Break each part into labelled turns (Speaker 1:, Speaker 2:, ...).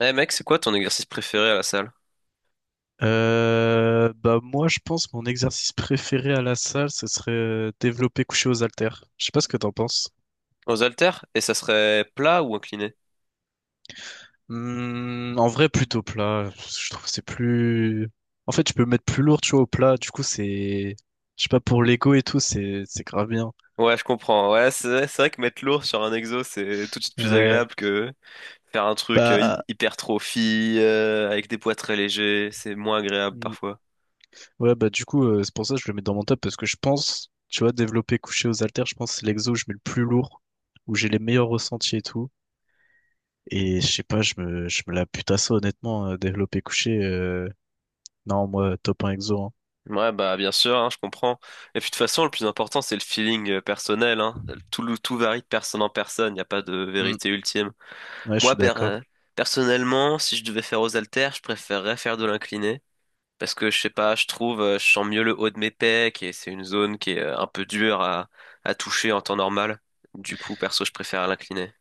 Speaker 1: Eh mec, c'est quoi ton exercice préféré à la salle?
Speaker 2: Bah moi je pense mon exercice préféré à la salle ce serait développer couché aux haltères. Je sais pas ce que t'en penses.
Speaker 1: Aux haltères? Et ça serait plat ou incliné?
Speaker 2: Hmm, en vrai plutôt plat. Je trouve que c'est plus. En fait je peux mettre plus lourd tu vois au plat. Du coup c'est. Je sais pas, pour l'ego et tout c'est grave bien.
Speaker 1: Ouais, je comprends. Ouais, c'est vrai que mettre lourd sur un exo, c'est tout de suite plus
Speaker 2: Ouais.
Speaker 1: agréable que faire un truc
Speaker 2: Bah
Speaker 1: hypertrophie, avec des poids très légers. C'est moins agréable
Speaker 2: hmm.
Speaker 1: parfois.
Speaker 2: Ouais bah du coup, c'est pour ça que je le mets dans mon top parce que je pense, tu vois, développer couché aux haltères, je pense que c'est l'exo où je mets le plus lourd, où j'ai les meilleurs ressentis et tout. Et je sais pas, je me la bute à ça, honnêtement, développé couché. Non, moi, top un exo, hein.
Speaker 1: Ouais, bah bien sûr, hein, je comprends. Et puis de toute façon, le plus important, c'est le feeling personnel, hein. Tout varie de personne en personne, il n'y a pas de
Speaker 2: Hmm.
Speaker 1: vérité ultime.
Speaker 2: Ouais, je
Speaker 1: Moi,
Speaker 2: suis
Speaker 1: per-
Speaker 2: d'accord.
Speaker 1: euh, Personnellement, si je devais faire aux haltères, je préférerais faire de l'incliné. Parce que je sais pas, je trouve, je sens mieux le haut de mes pecs et c'est une zone qui est un peu dure à toucher en temps normal. Du coup, perso, je préfère l'incliner.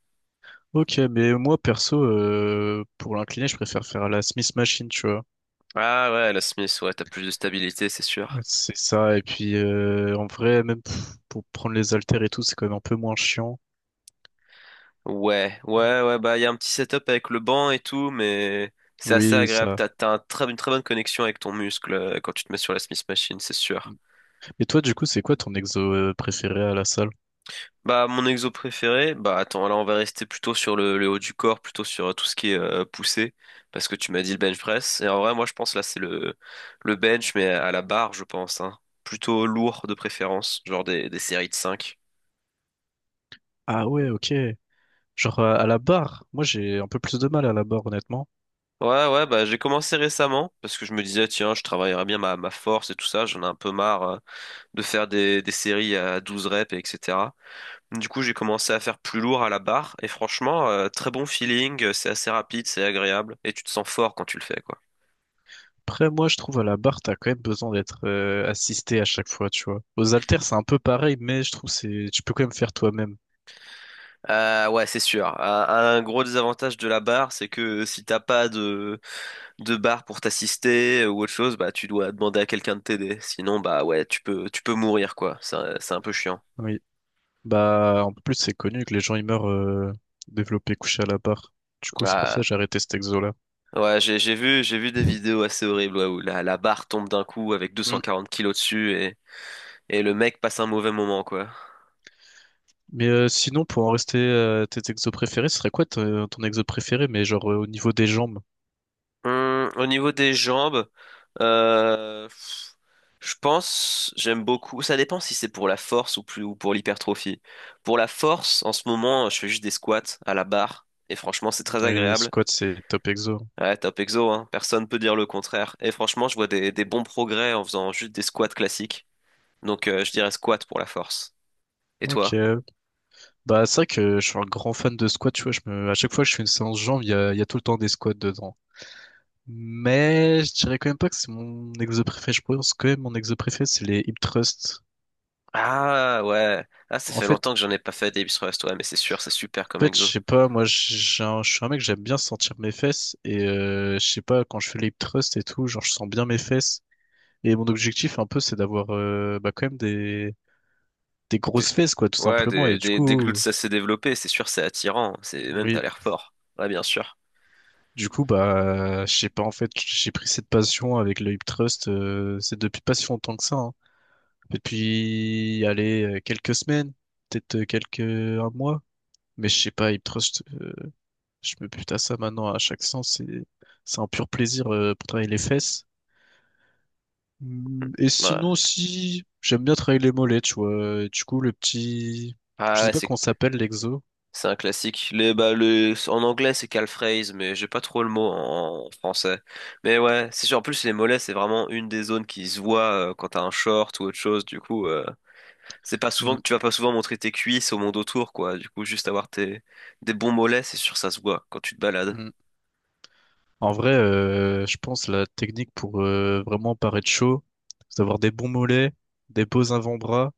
Speaker 2: Ok, mais moi, perso, pour l'incliner, je préfère faire la Smith Machine, tu vois.
Speaker 1: Ah ouais, la Smith, ouais, t'as plus de stabilité, c'est
Speaker 2: Ouais,
Speaker 1: sûr.
Speaker 2: c'est ça, et puis en vrai, même pff, pour prendre les haltères et tout, c'est quand même un peu moins chiant.
Speaker 1: Ouais, ouais, ouais, bah il y a un petit setup avec le banc et tout, mais c'est assez
Speaker 2: Oui,
Speaker 1: agréable.
Speaker 2: ça.
Speaker 1: T'as un une très bonne connexion avec ton muscle quand tu te mets sur la Smith Machine, c'est
Speaker 2: Hmm.
Speaker 1: sûr.
Speaker 2: Et toi, du coup, c'est quoi ton exo préféré à la salle?
Speaker 1: Bah, mon exo préféré, bah attends, là on va rester plutôt sur le haut du corps, plutôt sur tout ce qui est poussé, parce que tu m'as dit le bench press. Et en vrai, moi je pense là le bench, mais à la barre, je pense, hein. Plutôt lourd de préférence, genre des séries de cinq.
Speaker 2: Ah ouais, ok. Genre à la barre, moi j'ai un peu plus de mal à la barre, honnêtement.
Speaker 1: Ouais, ouais, bah j'ai commencé récemment, parce que je me disais, tiens, je travaillerai bien ma force et tout ça, j'en ai un peu marre de faire des séries à 12 reps, et etc. Du coup, j'ai commencé à faire plus lourd à la barre, et franchement, très bon feeling, c'est assez rapide, c'est agréable, et tu te sens fort quand tu le fais, quoi.
Speaker 2: Après moi je trouve à la barre t'as quand même besoin d'être assisté à chaque fois, tu vois. Aux haltères c'est un peu pareil, mais je trouve c'est tu peux quand même faire toi-même.
Speaker 1: Ouais, c'est sûr. Un gros désavantage de la barre, c'est que si t'as pas de barre pour t'assister ou autre chose, bah tu dois demander à quelqu'un de t'aider. Sinon, bah ouais, tu peux mourir quoi. C'est un peu chiant.
Speaker 2: Oui. Bah en plus c'est connu que les gens ils meurent développés couchés à la barre. Du coup c'est pour ça
Speaker 1: Ah.
Speaker 2: que j'ai arrêté cet exo là.
Speaker 1: Ouais, j'ai vu des vidéos assez horribles ouais, où la barre tombe d'un coup avec 240 kilos dessus et le mec passe un mauvais moment quoi.
Speaker 2: Mais sinon, pour en rester à tes exos préférés, ce serait quoi ton, ton exo préféré, mais genre au niveau des jambes?
Speaker 1: Au niveau des jambes, euh, pff, je pense, j'aime beaucoup. Ça dépend si c'est pour la force ou plus ou pour l'hypertrophie. Pour la force, en ce moment, je fais juste des squats à la barre et franchement, c'est très
Speaker 2: Les
Speaker 1: agréable.
Speaker 2: squats, c'est top exo.
Speaker 1: Ouais, top exo, hein. Personne peut dire le contraire. Et franchement, je vois des bons progrès en faisant juste des squats classiques. Donc, je dirais squat pour la force. Et
Speaker 2: Ok.
Speaker 1: toi?
Speaker 2: Bah, c'est vrai que je suis un grand fan de squats, tu vois. Je me... À chaque fois que je fais une séance jambes, il y a tout le temps des squats dedans. Mais je dirais quand même pas que c'est mon exo préféré. Je pense que mon exo préféré, c'est les hip thrusts.
Speaker 1: Ah ouais, ah ça
Speaker 2: En
Speaker 1: fait
Speaker 2: fait,
Speaker 1: longtemps que j'en ai pas fait des biceps, ouais, mais c'est sûr, c'est super comme
Speaker 2: en fait, je
Speaker 1: exo.
Speaker 2: sais pas, moi, je suis un mec, j'aime bien sentir mes fesses. Et je sais pas, quand je fais les hip thrusts et tout, genre, je sens bien mes fesses. Et mon objectif, un peu, c'est d'avoir bah, quand même des
Speaker 1: Des-
Speaker 2: grosses fesses, quoi, tout
Speaker 1: Ouais,
Speaker 2: simplement. Et du
Speaker 1: des glutes,
Speaker 2: coup,
Speaker 1: ça s'est développé, c'est sûr, c'est attirant. C'est même, t'as
Speaker 2: oui,
Speaker 1: l'air fort. Ouais, bien sûr.
Speaker 2: du coup, bah, je sais pas, en fait, j'ai pris cette passion avec le hip thrust, c'est depuis pas si longtemps que ça, hein. Depuis, allez, quelques semaines, peut-être quelques, un mois. Mais je sais pas, hip thrust, je me bute à ça maintenant à chaque sens. C'est un pur plaisir pour travailler les fesses. Hum. Et
Speaker 1: Ouais.
Speaker 2: sinon, si, j'aime bien travailler les mollets, tu vois. Et du coup, le petit, je
Speaker 1: Ah
Speaker 2: sais
Speaker 1: ouais,
Speaker 2: pas
Speaker 1: c'est.
Speaker 2: comment ça s'appelle l'exo.
Speaker 1: C'est un classique. En anglais, c'est calfraise, mais j'ai pas trop le mot en français. Mais ouais, c'est sûr. En plus, les mollets, c'est vraiment une des zones qui se voit quand t'as un short ou autre chose. Du coup, c'est pas souvent
Speaker 2: Mm,
Speaker 1: que tu vas pas souvent montrer tes cuisses au monde autour, quoi. Du coup, des bons mollets, c'est sûr, ça se voit quand tu te balades.
Speaker 2: mm. En vrai, je pense la technique pour vraiment paraître chaud, c'est d'avoir des bons mollets, des beaux avant-bras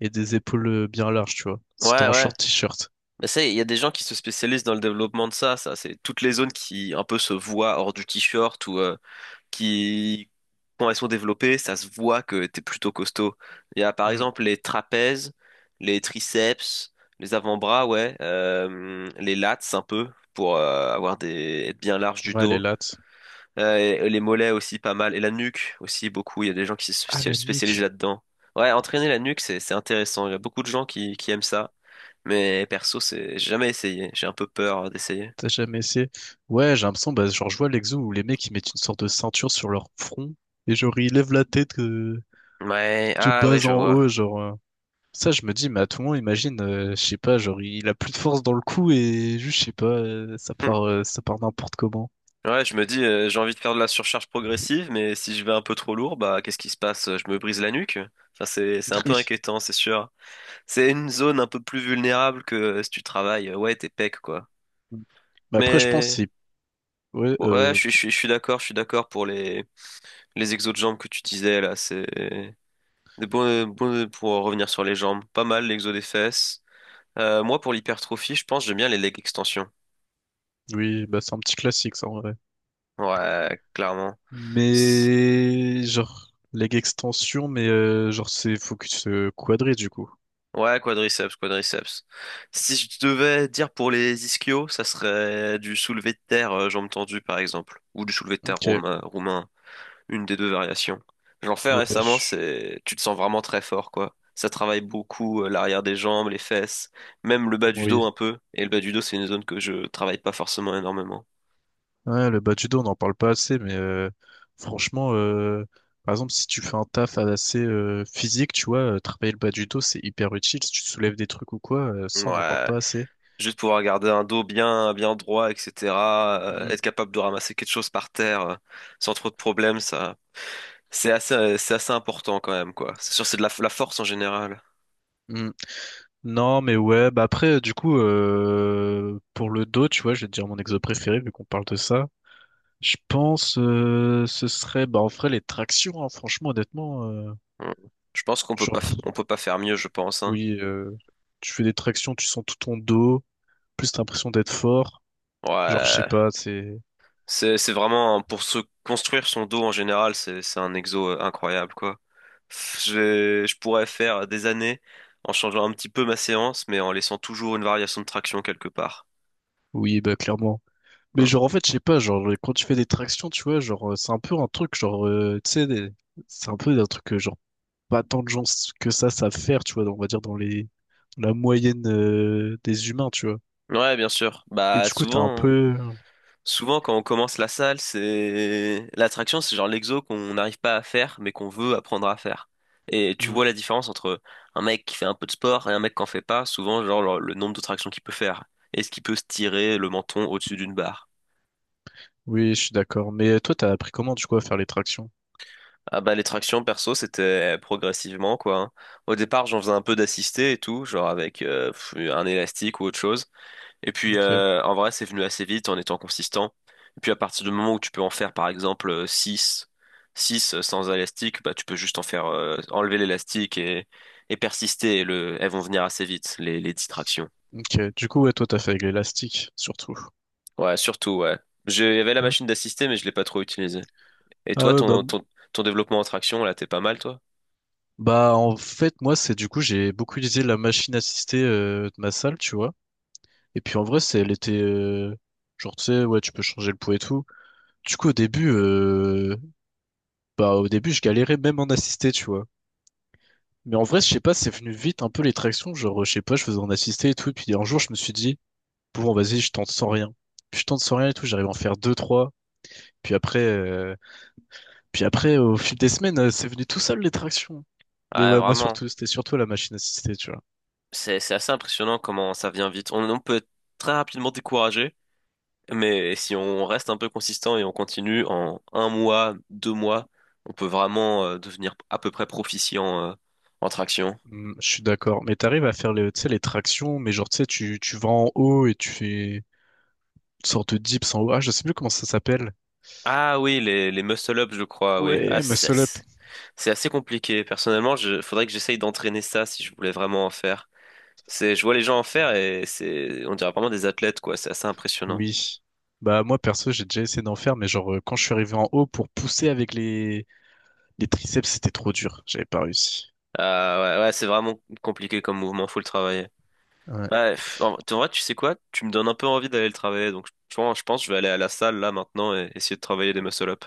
Speaker 2: et des épaules bien larges, tu vois. Si t'es
Speaker 1: Ouais,
Speaker 2: en
Speaker 1: ouais.
Speaker 2: short t-shirt.
Speaker 1: Mais ça, il y a des gens qui se spécialisent dans le développement de ça. Ça, c'est toutes les zones qui un peu se voient hors du t-shirt ou qui, quand elles sont développées, ça se voit que t'es plutôt costaud. Il y a par
Speaker 2: Mm.
Speaker 1: exemple les trapèzes, les triceps, les avant-bras, ouais, les lats un peu pour avoir des être bien large du
Speaker 2: Ouais, les
Speaker 1: dos.
Speaker 2: lats.
Speaker 1: Et les mollets aussi pas mal et la nuque aussi beaucoup. Il y a des gens qui se
Speaker 2: Ah, la
Speaker 1: spécialisent
Speaker 2: nuque.
Speaker 1: là-dedans. Ouais, entraîner la nuque c'est intéressant. Il y a beaucoup de gens qui aiment ça, mais perso c'est j'ai jamais essayé. J'ai un peu peur d'essayer.
Speaker 2: T'as jamais essayé? Ouais, j'ai l'impression, bah, genre, je vois l'exo où les mecs, ils mettent une sorte de ceinture sur leur front et genre, ils lèvent la tête
Speaker 1: Ouais,
Speaker 2: de
Speaker 1: ah ouais,
Speaker 2: bas
Speaker 1: je
Speaker 2: en
Speaker 1: vois.
Speaker 2: haut, genre. Ça, je me dis, mais à tout moment, imagine, je sais pas, genre, il a plus de force dans le cou et juste, je sais pas, ça part n'importe comment.
Speaker 1: Ouais, je me dis, j'ai envie de faire de la surcharge progressive, mais si je vais un peu trop lourd, bah qu'est-ce qui se passe? Je me brise la nuque? Ça, c'est un peu
Speaker 2: Oui.
Speaker 1: inquiétant, c'est sûr. C'est une zone un peu plus vulnérable que si tu travailles, ouais, tes pecs, quoi.
Speaker 2: Mm. Mais après, je pense que
Speaker 1: Mais
Speaker 2: c'est... Ouais,
Speaker 1: bon, ouais, je suis d'accord pour les exos de jambes que tu disais, là. C'est des bons, pour revenir sur les jambes. Pas mal, l'exo des fesses. Moi, pour l'hypertrophie, je pense, que j'aime bien les leg extensions.
Speaker 2: oui, bah, c'est un petit classique, ça, en vrai.
Speaker 1: Ouais, clairement.
Speaker 2: Mais... Genre, leg extension, mais genre, c'est focus quadri, du coup.
Speaker 1: Ouais, quadriceps, quadriceps. Si je devais dire pour les ischios, ça serait du soulevé de terre, jambes tendues par exemple, ou du soulevé de terre
Speaker 2: Ok.
Speaker 1: romain, roumain, une des deux variations. J'en fais
Speaker 2: Ouais,
Speaker 1: récemment,
Speaker 2: je...
Speaker 1: c'est, tu te sens vraiment très fort, quoi. Ça travaille beaucoup l'arrière des jambes, les fesses, même le bas du
Speaker 2: Oui.
Speaker 1: dos un peu. Et le bas du dos, c'est une zone que je travaille pas forcément énormément.
Speaker 2: Ouais, le bas du dos, on n'en parle pas assez, mais franchement, par exemple, si tu fais un taf assez physique, tu vois, travailler le bas du dos, c'est hyper utile. Si tu soulèves des trucs ou quoi, ça, on n'en parle
Speaker 1: Ouais,
Speaker 2: pas assez.
Speaker 1: juste pouvoir garder un dos bien, bien droit, etc.
Speaker 2: Mm,
Speaker 1: Être capable de ramasser quelque chose par terre sans trop de problèmes, ça. C'est assez important quand même, quoi. C'est sûr, c'est de la force en général.
Speaker 2: mm. Non, mais ouais, bah après, du coup, pour le dos, tu vois, je vais te dire mon exo préféré, vu qu'on parle de ça. Je pense, ce serait, bah, en vrai, les tractions, hein, franchement, honnêtement.
Speaker 1: Mm. Je pense qu'on peut
Speaker 2: Genre,
Speaker 1: pas,
Speaker 2: pff,
Speaker 1: on peut pas faire mieux, je pense, hein.
Speaker 2: oui, tu fais des tractions, tu sens tout ton dos, plus t'as l'impression d'être fort, genre, je sais
Speaker 1: Ouais,
Speaker 2: pas, c'est,
Speaker 1: c'est vraiment pour se construire son dos en général, c'est un exo incroyable quoi. Je pourrais faire des années en changeant un petit peu ma séance, mais en laissant toujours une variation de traction quelque part.
Speaker 2: oui, bah, clairement. Mais
Speaker 1: Mm.
Speaker 2: genre, en fait, je sais pas, genre, quand tu fais des tractions, tu vois, genre, c'est un peu un truc, genre, c'est un peu un truc, genre, pas tant de gens que ça savent faire, tu vois, on va dire dans les la moyenne des humains, tu vois.
Speaker 1: Ouais, bien sûr.
Speaker 2: Et
Speaker 1: Bah
Speaker 2: du coup, t'as un
Speaker 1: souvent, hein.
Speaker 2: peu...
Speaker 1: Souvent, quand on commence la salle, c'est l'attraction, c'est genre l'exo qu'on n'arrive pas à faire, mais qu'on veut apprendre à faire. Et tu
Speaker 2: Mm.
Speaker 1: vois la différence entre un mec qui fait un peu de sport et un mec qui en fait pas, souvent, genre le nombre de tractions qu'il peut faire. Est-ce qu'il peut se tirer le menton au-dessus d'une barre?
Speaker 2: Oui, je suis d'accord. Mais toi, t'as appris comment, du coup, à faire les tractions?
Speaker 1: Ah bah les tractions perso c'était progressivement quoi, hein. Au départ j'en faisais un peu d'assisté et tout, genre avec un élastique ou autre chose. Et puis,
Speaker 2: Ok.
Speaker 1: en vrai, c'est venu assez vite en étant consistant. Et puis, à partir du moment où tu peux en faire, par exemple, 6, sans élastique, bah, tu peux juste en faire, enlever l'élastique et persister. Et elles vont venir assez vite, les distractions.
Speaker 2: Ok. Du coup, ouais, toi, t'as fait avec l'élastique, surtout.
Speaker 1: Ouais, surtout, ouais. Il y avait la
Speaker 2: Ouais.
Speaker 1: machine d'assister, mais je l'ai pas trop utilisée. Et
Speaker 2: Ah
Speaker 1: toi,
Speaker 2: ouais, bah,
Speaker 1: ton développement en traction, là, t'es pas mal, toi?
Speaker 2: bah, en fait, moi, c'est du coup, j'ai beaucoup utilisé la machine assistée de ma salle, tu vois. Et puis, en vrai, c'est, elle était... genre, tu sais, ouais, tu peux changer le poids et tout. Du coup, au début, bah, au début, je galérais même en assisté, tu vois. Mais en vrai, je sais pas, c'est venu vite un peu les tractions. Genre, je sais pas, je faisais en assisté et tout. Et puis un jour, je me suis dit, bon, vas-y, je tente sans rien. Puis je tente sans rien et tout. J'arrive à en faire deux, trois. Puis après, au fil des semaines, c'est venu tout seul les tractions. Mais
Speaker 1: Ouais,
Speaker 2: ouais, moi
Speaker 1: vraiment.
Speaker 2: surtout, c'était surtout la machine assistée, tu vois.
Speaker 1: C'est assez impressionnant comment ça vient vite. On peut être très rapidement découragé, mais si on reste un peu consistant et on continue en un mois, 2 mois, on peut vraiment devenir à peu près proficient en traction.
Speaker 2: Hmm, je suis d'accord. Mais t'arrives à faire les, tu sais, les tractions, mais genre, tu sais, tu vas en haut et tu fais une sorte de dips en haut. Ah, je sais plus comment ça s'appelle.
Speaker 1: Ah oui, les muscle-up, je crois, oui. Ah,
Speaker 2: Ouais,
Speaker 1: c'est
Speaker 2: muscle up.
Speaker 1: c'est assez compliqué. Personnellement, faudrait que j'essaye d'entraîner ça si je voulais vraiment en faire. C'est, je vois les gens en faire et c'est, on dirait vraiment des athlètes, quoi. C'est assez impressionnant.
Speaker 2: Oui. Bah, moi, perso, j'ai déjà essayé d'en faire, mais genre, quand je suis arrivé en haut pour pousser avec les triceps, c'était trop dur. J'avais pas réussi.
Speaker 1: Ah ouais, ouais, c'est vraiment compliqué comme mouvement, faut le travailler.
Speaker 2: Ouais.
Speaker 1: Bah, pff, en vrai, tu sais quoi? Tu me donnes un peu envie d'aller le travailler, donc je pense que je vais aller à la salle là maintenant et essayer de travailler des muscle-up.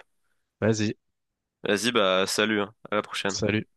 Speaker 2: Vas-y,
Speaker 1: Vas-y, bah salut, hein. À la prochaine.
Speaker 2: salut.